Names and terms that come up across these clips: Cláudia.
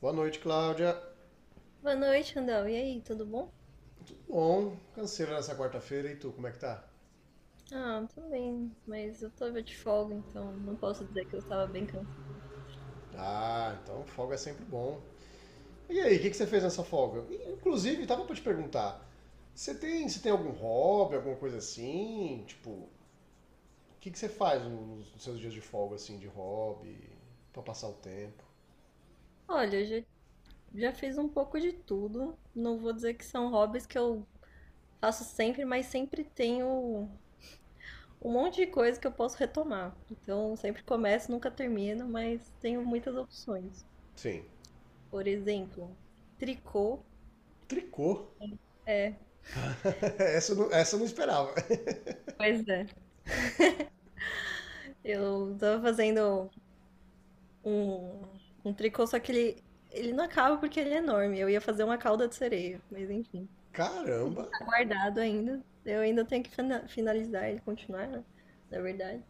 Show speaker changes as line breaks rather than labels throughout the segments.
Boa noite, Cláudia.
Boa noite, Randall. E aí, tudo bom?
Bom, canseira nessa quarta-feira, e tu, como é que tá?
Ah, tudo bem, mas eu tava de folga, então não posso dizer que eu estava bem cansada.
Ah, então folga é sempre bom. E aí, o que, que você fez nessa folga? Inclusive, tava pra te perguntar, você tem algum hobby, alguma coisa assim? Tipo, o que, que você faz nos seus dias de folga, assim, de hobby, pra passar o tempo?
Olha, eu já fiz um pouco de tudo. Não vou dizer que são hobbies que eu faço sempre, mas sempre tenho um monte de coisa que eu posso retomar. Então, sempre começo, nunca termino, mas tenho muitas opções.
Sim.
Por exemplo, tricô.
Tricô?
É,
Essa eu não esperava.
pois é. Eu tava fazendo. Um, um tricô, só que ele não acaba porque ele é enorme. Eu ia fazer uma cauda de sereia, mas enfim,
Caramba,
tá guardado ainda. Eu ainda tenho que finalizar ele, continuar, né? Na verdade.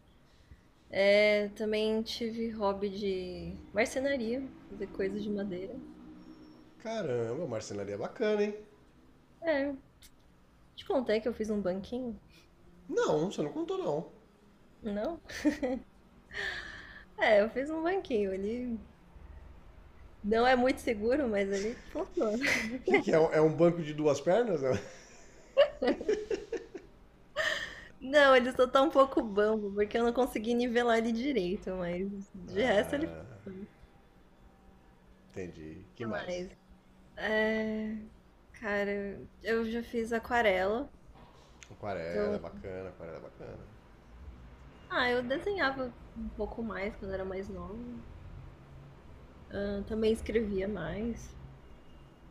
É, também tive hobby de marcenaria, fazer coisas de madeira.
caramba, marcenaria bacana, hein?
É, te contei que eu fiz um banquinho?
Não, você não contou não. O
Não? É, eu fiz um banquinho. Ele não é muito seguro, mas ele funciona.
que, que é? É um banco de duas pernas? Né?
Não, ele só tá um pouco bambo, porque eu não consegui nivelar ele direito, mas de resto ele
Entendi. Que mais?
faz. É, cara, eu já fiz aquarela.
Aquarela, é
Então,
bacana, aquarela, é bacana.
ah, eu desenhava um pouco mais quando era mais nova. Ah, também escrevia mais.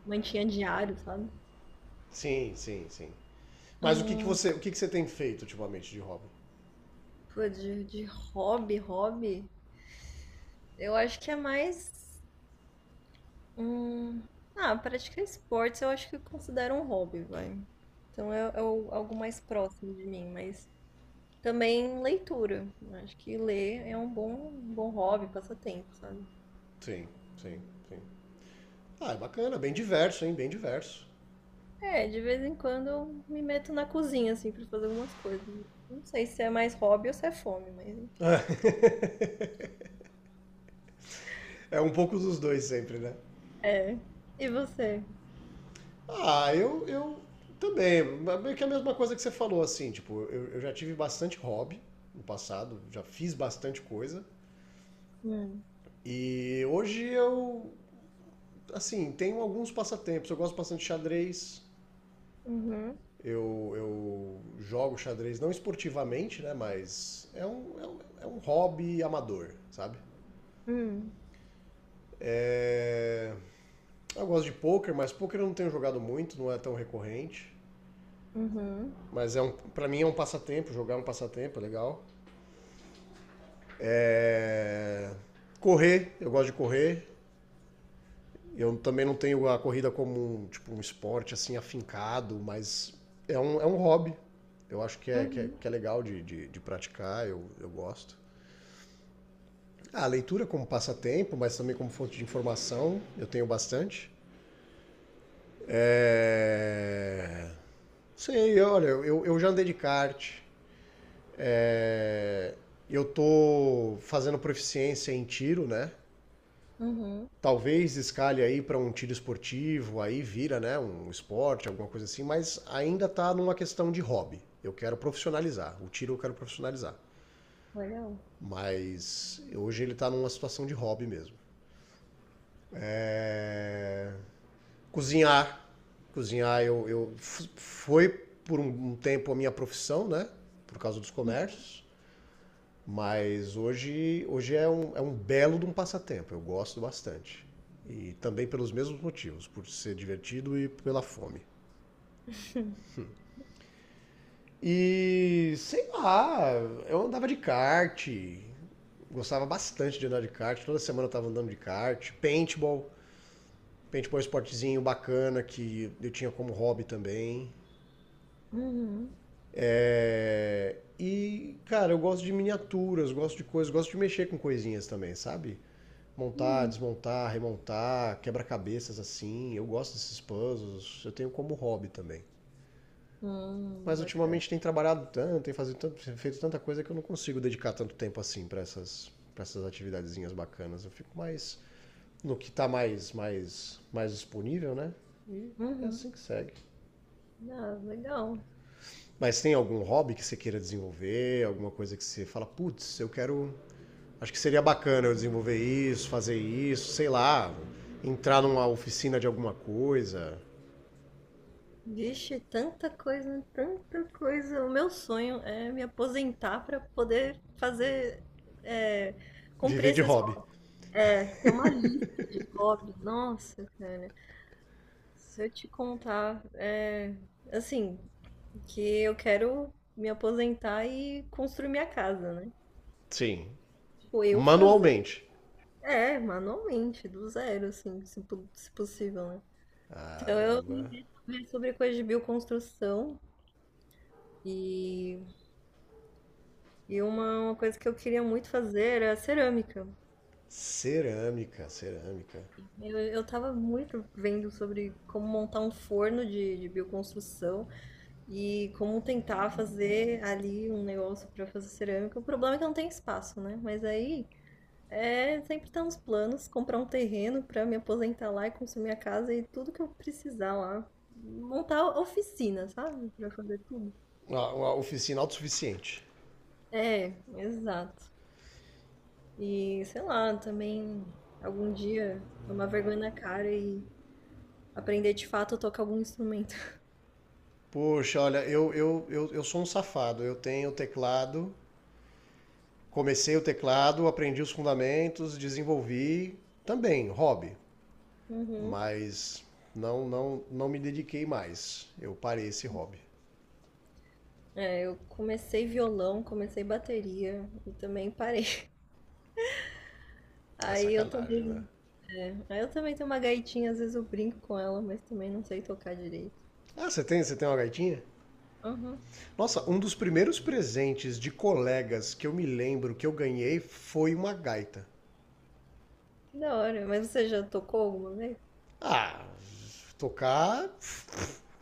Mantinha diário, sabe?
Sim, sim, sim. Mas
Ah,
o que, que você tem feito ultimamente de hobby?
pô, de hobby. Eu acho que é mais. Hum, ah, praticar esportes eu acho que eu considero um hobby, vai. Então é, algo mais próximo de mim, mas também leitura. Eu acho que ler é um bom hobby, passatempo, sabe?
Sim, sim, sim. Ah, é bacana, bem diverso, hein? Bem diverso.
É, de vez em quando eu me meto na cozinha, assim, pra fazer algumas coisas. Não sei se é mais hobby ou se é fome, mas enfim.
É um pouco dos dois sempre, né?
É. E você?
Ah, eu também. Mas meio que a mesma coisa que você falou, assim, tipo, eu já tive bastante hobby no passado, já fiz bastante coisa.
Hum.
E hoje eu, assim, tenho alguns passatempos. Eu gosto bastante de xadrez.
Uhum.
Eu jogo xadrez não esportivamente, né? Mas é um hobby amador, sabe?
Hum.
É, eu gosto de pôquer, mas pôquer eu não tenho jogado muito, não é tão recorrente.
Uhum.
Mas é um, para mim é um passatempo, jogar é um passatempo, é legal. É, correr, eu gosto de correr. Eu também não tenho a corrida como um, tipo, um esporte assim afincado, mas é um hobby. Eu acho que
Uhum.
que é legal de praticar, eu gosto. Ah, a leitura como passatempo, mas também como fonte de informação, eu tenho bastante. É... Sei, olha, eu já andei de kart. É, eu tô fazendo proficiência em tiro, né?
Uhum.
Talvez escalhe aí para um tiro esportivo, aí vira, né, um esporte, alguma coisa assim, mas ainda tá numa questão de hobby. Eu quero profissionalizar. O tiro eu quero profissionalizar.
Olha.
Mas hoje ele tá numa situação de hobby mesmo. Né? Cozinhar. Cozinhar, eu foi por um tempo a minha profissão, né? Por causa dos
Um.
comércios. Mas hoje, hoje é um belo de um passatempo. Eu gosto bastante. E também pelos mesmos motivos, por ser divertido e pela fome. E sei lá, eu andava de kart, gostava bastante de andar de kart, toda semana eu tava andando de kart, paintball, paintball é um esportezinho bacana que eu tinha como hobby também.
Uhum.
É, e, cara, eu gosto de miniaturas, gosto de coisas, gosto de mexer com coisinhas também, sabe? Montar,
Hum.
desmontar, remontar, quebra-cabeças assim. Eu gosto desses puzzles, eu tenho como hobby também. Mas
Bacana.
ultimamente tem trabalhado tanto, tem feito tanta coisa que eu não consigo dedicar tanto tempo assim pra essas para essas atividadezinhas bacanas. Eu fico mais no que tá mais disponível, né? E é
Uhum.
assim que segue.
Ah, legal.
Mas tem algum hobby que você queira desenvolver, alguma coisa que você fala, putz, eu quero Acho que seria bacana eu desenvolver isso, fazer isso, sei lá, entrar numa oficina de alguma coisa,
Vixe, tanta coisa, tanta coisa. O meu sonho é me aposentar pra poder fazer, é, cumprir
viver de
esses.
hobby.
É, tem uma lista de hobbies. Nossa, cara. Se eu te contar, é assim, que eu quero me aposentar e construir minha casa, né?
Sim,
Tipo, eu fazer.
manualmente.
É, manualmente, do zero, assim, se possível, né?
Caramba.
Ver sobre coisa de bioconstrução. E, e uma coisa que eu queria muito fazer era cerâmica.
Cerâmica, cerâmica.
Eu tava muito vendo sobre como montar um forno de bioconstrução. E como tentar fazer ali um negócio para fazer cerâmica. O problema é que não tem espaço, né? Mas aí é sempre tá nos planos, comprar um terreno para me aposentar lá e construir minha casa e tudo que eu precisar lá. Montar oficina, sabe? Para fazer tudo.
Uma oficina autossuficiente.
É, exato. E sei lá, também algum dia tomar vergonha na cara e aprender de fato a tocar algum instrumento.
Poxa, olha, eu sou um safado. Eu tenho teclado, comecei o teclado, aprendi os fundamentos, desenvolvi também, hobby.
Uhum.
Mas não me dediquei mais. Eu parei esse hobby.
É, eu comecei violão, comecei bateria e também parei.
É
Aí eu
sacanagem, né?
também, é, aí eu também tenho uma gaitinha, às vezes eu brinco com ela, mas também não sei tocar direito.
Ah, você tem uma gaitinha?
Aham.
Nossa, um dos primeiros presentes de colegas que eu me lembro que eu ganhei foi uma gaita.
Que da hora, mas você já tocou alguma vez?
Ah, tocar.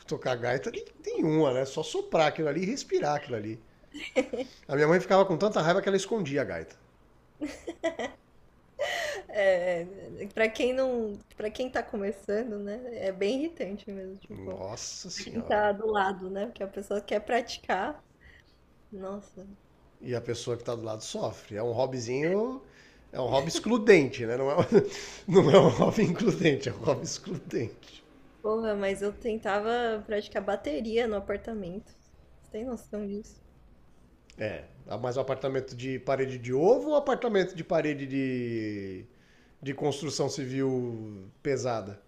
Tocar gaita tem uma, né? Só soprar aquilo ali e respirar aquilo ali. A minha mãe ficava com tanta raiva que ela escondia a gaita.
É, é, quem não, para quem tá começando, né, é bem irritante mesmo, tipo,
Nossa
pra quem
senhora.
tá do lado, né, porque a pessoa quer praticar. Nossa,
E a pessoa que tá do lado sofre. É um hobbyzinho. É um hobby excludente, né? Não é, um, não é um hobby includente, é um hobby excludente.
porra, mas eu tentava praticar bateria no apartamento. Você tem noção disso?
É, mas o apartamento de parede de ovo ou apartamento de parede de construção civil pesada?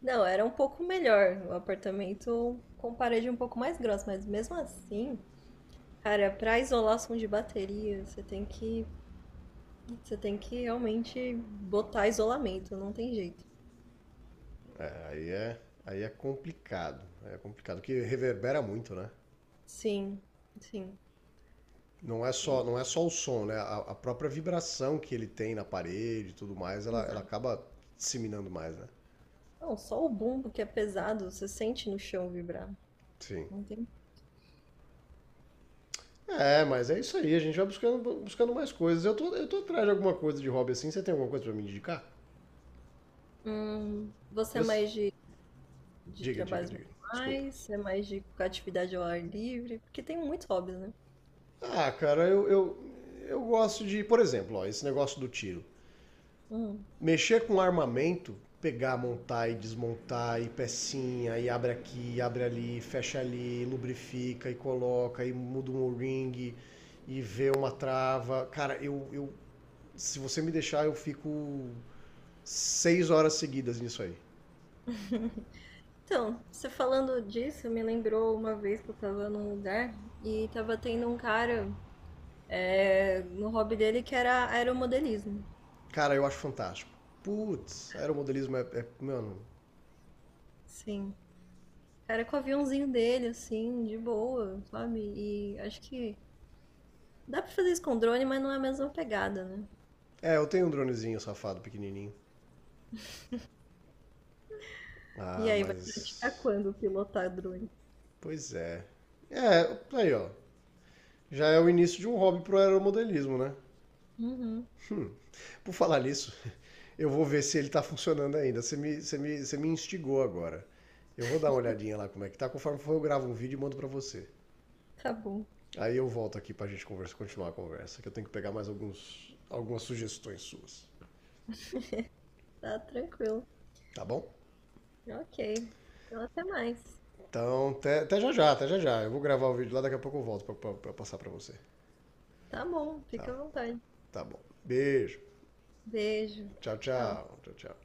Não, era um pouco melhor o apartamento com parede um pouco mais grossa, mas mesmo assim, cara, pra isolação de bateria, você tem que realmente botar isolamento, não tem jeito.
Aí é, aí é complicado, que reverbera muito, né?
Sim, sim.
Não é só, não é só o som, né? A própria vibração que ele tem na parede e tudo mais, ela
Exato.
acaba disseminando mais, né?
Não, só o bumbo que é pesado, você sente no chão vibrar.
Sim.
Não tem.
É, mas é isso aí, a gente vai buscando, buscando mais coisas. Eu tô atrás de alguma coisa de hobby assim, você tem alguma coisa pra me indicar?
Você é
Eu...
mais de
Diga, diga,
trabalhos
diga. Desculpa.
manuais, você é mais de atividade ao ar livre, porque tem muitos hobbies, né?
Ah, cara, eu gosto de, por exemplo, ó, esse negócio do tiro.
Hum.
Mexer com armamento, pegar, montar e desmontar, e pecinha, e abre aqui, e abre ali, fecha ali, lubrifica e coloca, e muda um ring, e vê uma trava. Cara, eu se você me deixar, eu fico 6 horas seguidas nisso aí.
Então, você falando disso, me lembrou uma vez que eu tava num lugar e tava tendo um cara é, no hobby dele que era aeromodelismo.
Cara, eu acho fantástico. Putz, aeromodelismo é. Mano.
Sim. Cara, com o aviãozinho dele, assim, de boa, sabe? E acho que dá pra fazer isso com drone, mas não é a mesma pegada, né?
É, eu tenho um dronezinho safado pequenininho.
E
Ah,
aí, vai praticar
mas.
quando pilotar drone?
Pois é. É, aí ó. Já é o início de um hobby pro aeromodelismo, né?
Uhum,
Por falar nisso, eu vou ver se ele tá funcionando ainda. Você me instigou agora. Eu vou dar uma olhadinha lá como é que tá. Conforme for, eu gravo um vídeo e mando pra você.
tá bom.
Aí eu volto aqui pra gente conversa, continuar a conversa, que eu tenho que pegar mais alguns, algumas sugestões suas.
Tá tranquilo.
Tá bom?
Ok. Então, até mais.
Então, até já já, até já já. Eu vou gravar o vídeo lá, daqui a pouco eu volto pra passar pra você.
Tá bom, fica
Tá,
à vontade.
tá bom. Beijo.
Beijo.
Tchau,
Tchau, tchau.
tchau. Tchau, tchau.